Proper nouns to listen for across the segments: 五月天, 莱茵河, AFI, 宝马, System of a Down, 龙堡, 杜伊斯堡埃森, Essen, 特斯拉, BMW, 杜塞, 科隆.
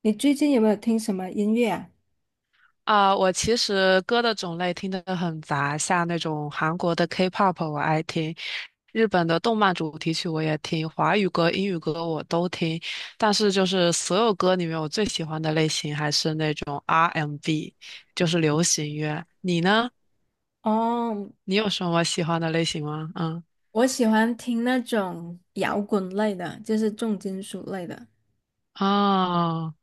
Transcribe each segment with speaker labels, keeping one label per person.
Speaker 1: 你最近有没有听什么音乐啊？
Speaker 2: 啊、我其实歌的种类听得很杂，像那种韩国的 K-pop 我爱听，日本的动漫主题曲我也听，华语歌、英语歌我都听。但是就是所有歌里面，我最喜欢的类型还是那种 R&B，就是流行乐。你呢？
Speaker 1: 哦，
Speaker 2: 你有什么喜欢的类型吗？嗯，
Speaker 1: 我喜欢听那种摇滚类的，就是重金属类的。
Speaker 2: 啊、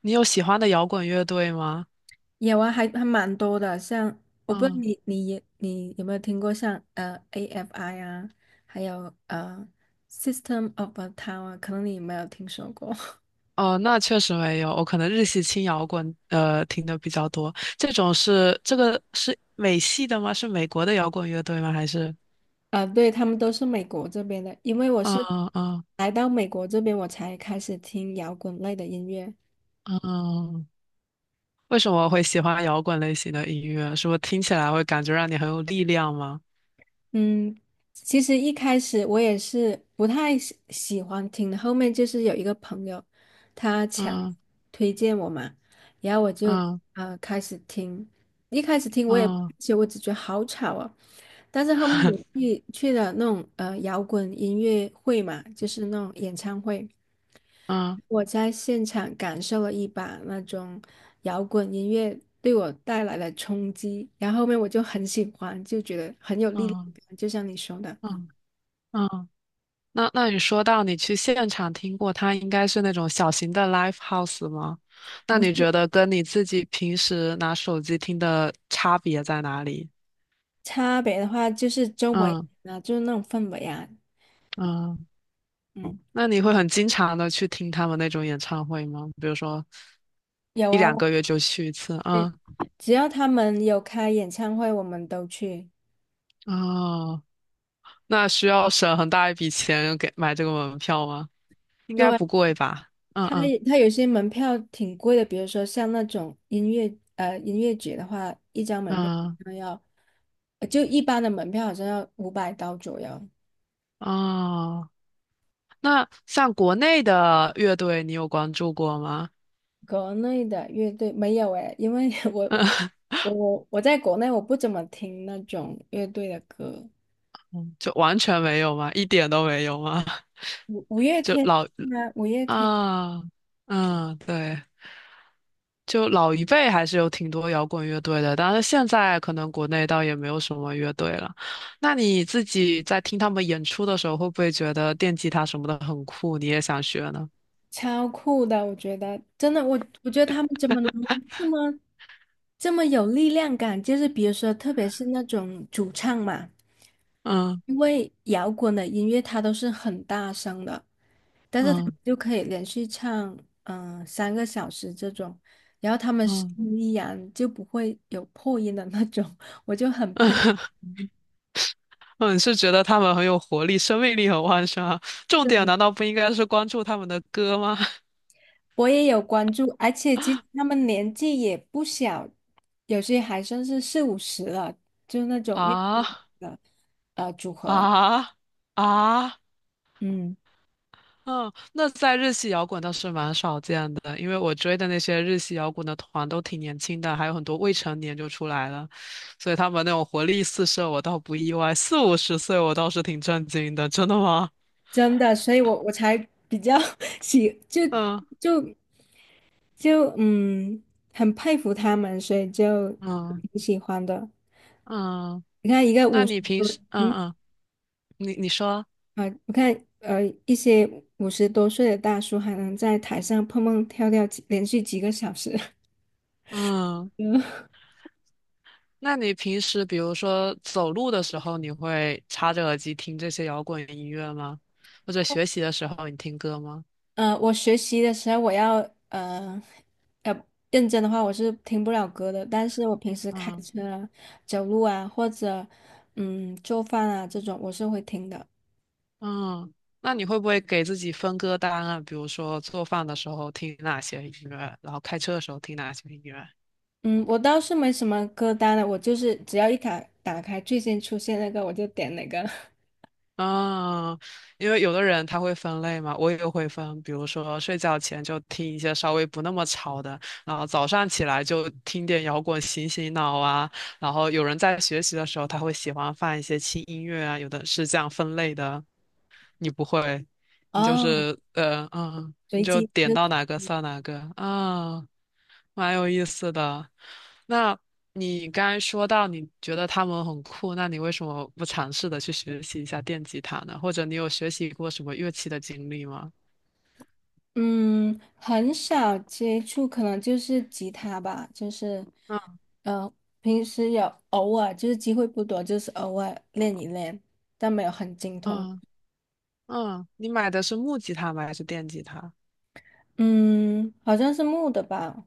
Speaker 2: 你有喜欢的摇滚乐队吗？
Speaker 1: 有啊，还蛮多的。像我不知道
Speaker 2: 嗯。
Speaker 1: 你有没有听过像AFI 啊，还有System of a Down 啊，可能你没有听说过。
Speaker 2: 哦，那确实没有，我可能日系轻摇滚听的比较多。这种是这个是美系的吗？是美国的摇滚乐队吗？还是
Speaker 1: 啊，对，他们都是美国这边的，因为我是
Speaker 2: 嗯嗯
Speaker 1: 来到美国这边，我才开始听摇滚类的音乐。
Speaker 2: 嗯，为什么会喜欢摇滚类型的音乐？是不是听起来会感觉让你很有力量吗？
Speaker 1: 嗯，其实一开始我也是不太喜欢听的，后面就是有一个朋友，他强
Speaker 2: 嗯
Speaker 1: 推荐我嘛，然后我就
Speaker 2: 嗯
Speaker 1: 开始听。一开始听我也不
Speaker 2: 嗯
Speaker 1: 其实我只觉得好吵啊，但是后面我 去了那种摇滚音乐会嘛，就是那种演唱会，
Speaker 2: 嗯
Speaker 1: 我在现场感受了一把那种摇滚音乐对我带来的冲击，然后后面我就很喜欢，就觉得很有力量
Speaker 2: 嗯
Speaker 1: 感就像你说的。
Speaker 2: 嗯嗯。那你说到你去现场听过，它应该是那种小型的 live house 吗？那
Speaker 1: 不
Speaker 2: 你
Speaker 1: 是，
Speaker 2: 觉得跟你自己平时拿手机听的差别在哪里？
Speaker 1: 差别的话，就是周围
Speaker 2: 嗯
Speaker 1: 啊，就是那种氛围啊。
Speaker 2: 嗯，
Speaker 1: 嗯，
Speaker 2: 那你会很经常的去听他们那种演唱会吗？比如说
Speaker 1: 有
Speaker 2: 一
Speaker 1: 啊，
Speaker 2: 两个月就去一次？
Speaker 1: 会
Speaker 2: 啊
Speaker 1: 只要他们有开演唱会，我们都去。
Speaker 2: 哦，那需要省很大一笔钱给买这个门票吗？应该
Speaker 1: 对，
Speaker 2: 不贵吧？嗯
Speaker 1: 他
Speaker 2: 嗯
Speaker 1: 他有些门票挺贵的，比如说像那种音乐节的话，一张门票好
Speaker 2: 嗯
Speaker 1: 像要，呃就一般的门票好像要500刀左右。
Speaker 2: 啊，那像国内的乐队，你有关注过吗？
Speaker 1: 国内的乐队没有诶，因为 我
Speaker 2: 嗯，
Speaker 1: 我我我在国内我不怎么听那种乐队的歌。
Speaker 2: 就完全没有吗？一点都没有吗？
Speaker 1: 月
Speaker 2: 就
Speaker 1: 天
Speaker 2: 老
Speaker 1: 啊，五月天
Speaker 2: 啊，嗯，对，就老一辈还是有挺多摇滚乐队的，但是现在可能国内倒也没有什么乐队了。那你自己在听他们演出的时候，会不会觉得电吉他什么的很酷，你也想学呢？
Speaker 1: 超酷的，我觉得真的，我觉得他们怎么能这么这么有力量感？就是比如说，特别是那种主唱嘛。
Speaker 2: 嗯
Speaker 1: 因为摇滚的音乐它都是很大声的，但是他们
Speaker 2: 嗯
Speaker 1: 就可以连续唱3个小时这种，然后他们声
Speaker 2: 嗯
Speaker 1: 音依然就不会有破音的那种，我就很佩服。
Speaker 2: 嗯，是觉得他们很有活力，生命力很旺盛啊。重点
Speaker 1: 对，
Speaker 2: 难道不应该是关注他们的歌吗？
Speaker 1: 我也有关注，而且其实他们年纪也不小，有些还算是四五十了，就那种乐队里
Speaker 2: 啊
Speaker 1: 的组合。
Speaker 2: 啊！啊
Speaker 1: 嗯，
Speaker 2: 嗯，那在日系摇滚倒是蛮少见的，因为我追的那些日系摇滚的团都挺年轻的，还有很多未成年就出来了，所以他们那种活力四射，我倒不意外。四五十岁，我倒是挺震惊的。真的吗？
Speaker 1: 真的，所以我才比较 喜就
Speaker 2: 嗯
Speaker 1: 就。就嗯，很佩服他们，所以就
Speaker 2: 嗯
Speaker 1: 挺喜欢的。
Speaker 2: 嗯，
Speaker 1: 你看，一个
Speaker 2: 那
Speaker 1: 五十
Speaker 2: 你平
Speaker 1: 多，
Speaker 2: 时嗯
Speaker 1: 嗯
Speaker 2: 嗯，你你说
Speaker 1: 我看一些50多岁的大叔还能在台上蹦蹦跳跳连续几个小时。
Speaker 2: 嗯，
Speaker 1: 嗯
Speaker 2: 那你平时比如说走路的时候，你会插着耳机听这些摇滚音乐吗？或者学习的时候你听歌吗？
Speaker 1: 我学习的时候，我要呃呃认真的话，我是听不了歌的。但是我平时开
Speaker 2: 嗯。
Speaker 1: 车啊、走路啊，或者做饭啊这种，我是会听的。
Speaker 2: 嗯，那你会不会给自己分歌单啊？比如说做饭的时候听哪些音乐，然后开车的时候听哪些音乐？
Speaker 1: 嗯，我倒是没什么歌单了，我就是只要打开最先出现那个，我就点哪个。
Speaker 2: 嗯，因为有的人他会分类嘛，我也会分，比如说睡觉前就听一些稍微不那么吵的，然后早上起来就听点摇滚醒醒脑啊，然后有人在学习的时候他会喜欢放一些轻音乐啊，有的是这样分类的。你不会，你就
Speaker 1: 哦，
Speaker 2: 是你
Speaker 1: 随
Speaker 2: 就
Speaker 1: 机，
Speaker 2: 点到哪个算哪个啊，蛮有意思的。那你刚才说到你觉得他们很酷，那你为什么不尝试的去学习一下电吉他呢？或者你有学习过什么乐器的经历吗？
Speaker 1: 很少接触，可能就是吉他吧，就是，
Speaker 2: 嗯
Speaker 1: 呃，平时有偶尔，就是机会不多，就是偶尔练一练，但没有很精通。
Speaker 2: 嗯嗯，你买的是木吉他吗？还是电吉他？
Speaker 1: 嗯，好像是木的吧，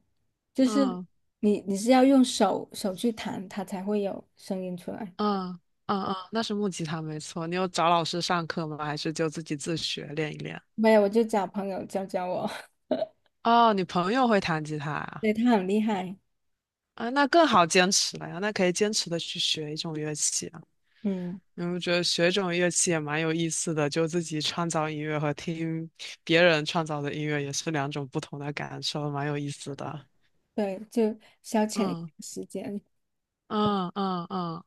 Speaker 1: 就是
Speaker 2: 嗯
Speaker 1: 你是要用手去弹，它才会有声音出来。
Speaker 2: 嗯嗯嗯，那是木吉他没错。你有找老师上课吗？还是就自己自学练一练？
Speaker 1: 没有，我就找朋友教教我。
Speaker 2: 哦，你朋友会弹吉他 啊？
Speaker 1: 对，他很厉害。
Speaker 2: 啊，那更好坚持了呀，那可以坚持的去学一种乐器啊。
Speaker 1: 嗯，
Speaker 2: 我觉得学一种乐器也蛮有意思的，就自己创造音乐和听别人创造的音乐也是两种不同的感受，蛮有意思的。
Speaker 1: 对，就消遣一下
Speaker 2: 嗯
Speaker 1: 时间。
Speaker 2: 嗯嗯嗯，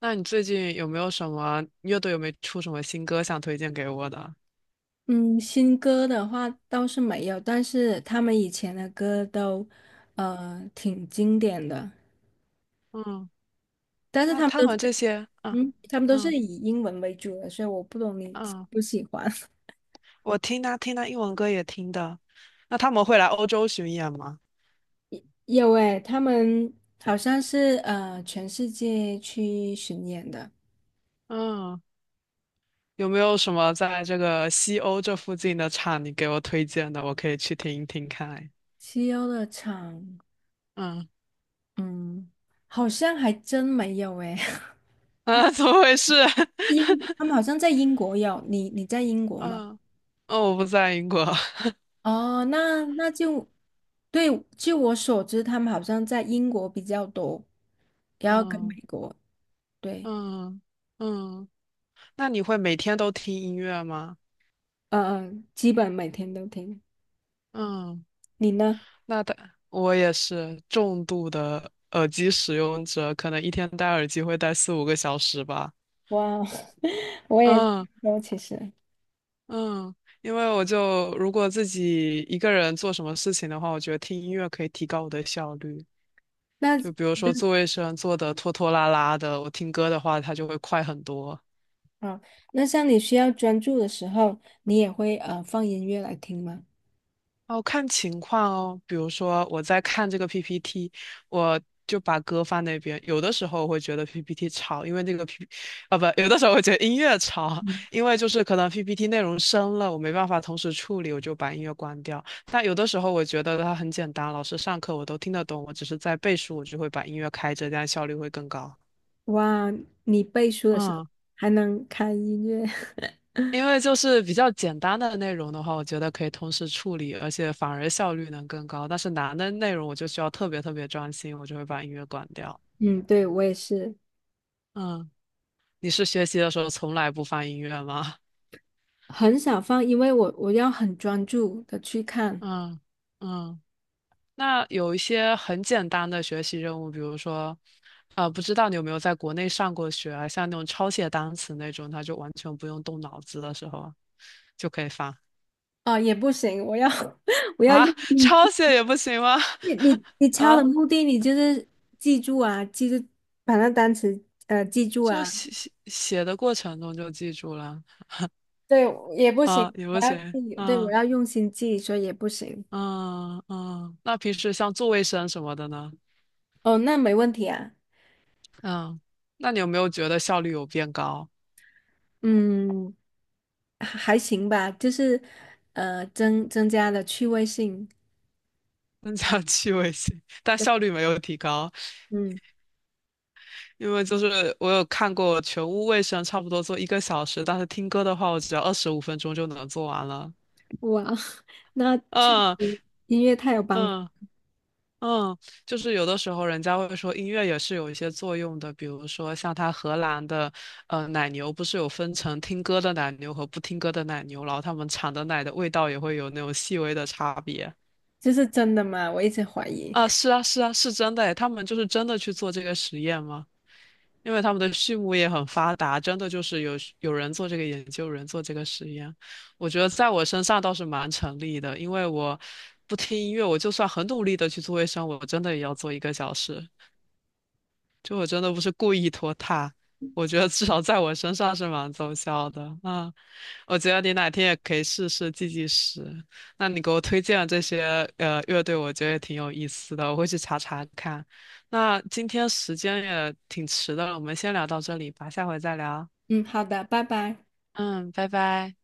Speaker 2: 那你最近有没有什么乐队有没有出什么新歌想推荐给我的？
Speaker 1: 嗯，新歌的话倒是没有，但是他们以前的歌都，呃，挺经典的。
Speaker 2: 嗯，
Speaker 1: 但是
Speaker 2: 那
Speaker 1: 他们
Speaker 2: 他
Speaker 1: 都
Speaker 2: 们这
Speaker 1: 是，
Speaker 2: 些，嗯
Speaker 1: 嗯，他们都是
Speaker 2: 嗯
Speaker 1: 以英文为主的，所以我不懂你喜
Speaker 2: 嗯，
Speaker 1: 不喜欢。
Speaker 2: 我听他英文歌也听的。那他们会来欧洲巡演吗？
Speaker 1: 有诶，他们好像是全世界去巡演的。
Speaker 2: 嗯。有没有什么在这个西欧这附近的厂你给我推荐的？我可以去听一听看。
Speaker 1: 西欧的场，
Speaker 2: 嗯
Speaker 1: 嗯，好像还真没有诶。
Speaker 2: 啊，怎么回事？
Speaker 1: 英，他们好像在英国有，你在英国吗？
Speaker 2: 嗯哦，我不在英国。
Speaker 1: 哦，那就对，据我所知，他们好像在英国比较多，然后跟美
Speaker 2: 嗯
Speaker 1: 国，对。
Speaker 2: 嗯嗯，那你会每天都听音乐吗？
Speaker 1: 嗯嗯，基本每天都听。
Speaker 2: 嗯，
Speaker 1: 你呢？
Speaker 2: 那的我也是重度的耳机使用者，可能一天戴耳机会戴四五个小时吧。
Speaker 1: 哇哦，我也差
Speaker 2: 嗯
Speaker 1: 不多其实。
Speaker 2: 嗯，因为我就如果自己一个人做什么事情的话，我觉得听音乐可以提高我的效率。
Speaker 1: 那
Speaker 2: 就比如说做卫生做的拖拖拉拉的，我听歌的话，它就会快很多。
Speaker 1: 啊，像你需要专注的时候，你也会放音乐来听吗？
Speaker 2: 哦，看情况哦，比如说我在看这个 PPT，我就把歌放那边。有的时候我会觉得 PPT 吵，因为那个 啊不，有的时候我觉得音乐吵，
Speaker 1: 嗯，
Speaker 2: 因为就是可能 PPT 内容深了，我没办法同时处理，我就把音乐关掉。但有的时候我觉得它很简单，老师上课我都听得懂，我只是在背书，我就会把音乐开着，这样效率会更高。
Speaker 1: 哇，你背书的时候
Speaker 2: 嗯。
Speaker 1: 还能开音乐。
Speaker 2: 因为就是比较简单的内容的话，我觉得可以同时处理，而且反而效率能更高。但是难的内容，我就需要特别特别专心，我就会把音乐关掉。
Speaker 1: 嗯，对，我也是
Speaker 2: 嗯，你是学习的时候从来不放音乐吗？
Speaker 1: 很少放，因为我要很专注的去 看。
Speaker 2: 嗯嗯，那有一些很简单的学习任务，比如说，啊、不知道你有没有在国内上过学啊？像那种抄写单词那种，它就完全不用动脑子的时候，就可以放
Speaker 1: 哦，也不行，我要 我要
Speaker 2: 啊，
Speaker 1: 用 你
Speaker 2: 抄写也不行吗？
Speaker 1: 你你你 敲的
Speaker 2: 啊？
Speaker 1: 目的，你就是记住啊，记住把那单词记住
Speaker 2: 就
Speaker 1: 啊。
Speaker 2: 写写写的过程中就记住了
Speaker 1: 对，也不
Speaker 2: 啊，
Speaker 1: 行，
Speaker 2: 也
Speaker 1: 我
Speaker 2: 不
Speaker 1: 要
Speaker 2: 行，
Speaker 1: 记，对，我
Speaker 2: 啊
Speaker 1: 要用心记，所以也不行。
Speaker 2: 嗯嗯。那平时像做卫生什么的呢？
Speaker 1: 哦，那没问题啊。
Speaker 2: 嗯，那你有没有觉得效率有变高？
Speaker 1: 嗯，还行吧，就是增加了趣味性。
Speaker 2: 增加 趣味性，但
Speaker 1: 对
Speaker 2: 效率没有提高，
Speaker 1: 嗯，
Speaker 2: 因为就是我有看过全屋卫生差不多做一个小时，但是听歌的话，我只要25分钟就能做完了。
Speaker 1: 哇，那确
Speaker 2: 嗯
Speaker 1: 实音乐太有帮助。
Speaker 2: 嗯。嗯，就是有的时候人家会说音乐也是有一些作用的，比如说像它荷兰的奶牛，不是有分成听歌的奶牛和不听歌的奶牛，然后他们产的奶的味道也会有那种细微的差别。
Speaker 1: 这是真的吗？我一直怀疑。
Speaker 2: 啊，是啊，是啊，是真的诶，他们就是真的去做这个实验吗？因为他们的畜牧业很发达，真的就是有人做这个研究，有人做这个实验。我觉得在我身上倒是蛮成立的，因为我不听音乐，我就算很努力的去做卫生，我真的也要做一个小时。就我真的不是故意拖沓，我觉得至少在我身上是蛮奏效的。嗯，我觉得你哪天也可以试试计时。那你给我推荐的这些乐队，我觉得也挺有意思的，我会去查查看。那今天时间也挺迟的了，我们先聊到这里吧，下回再聊。
Speaker 1: 嗯，好的，拜拜。
Speaker 2: 嗯，拜拜。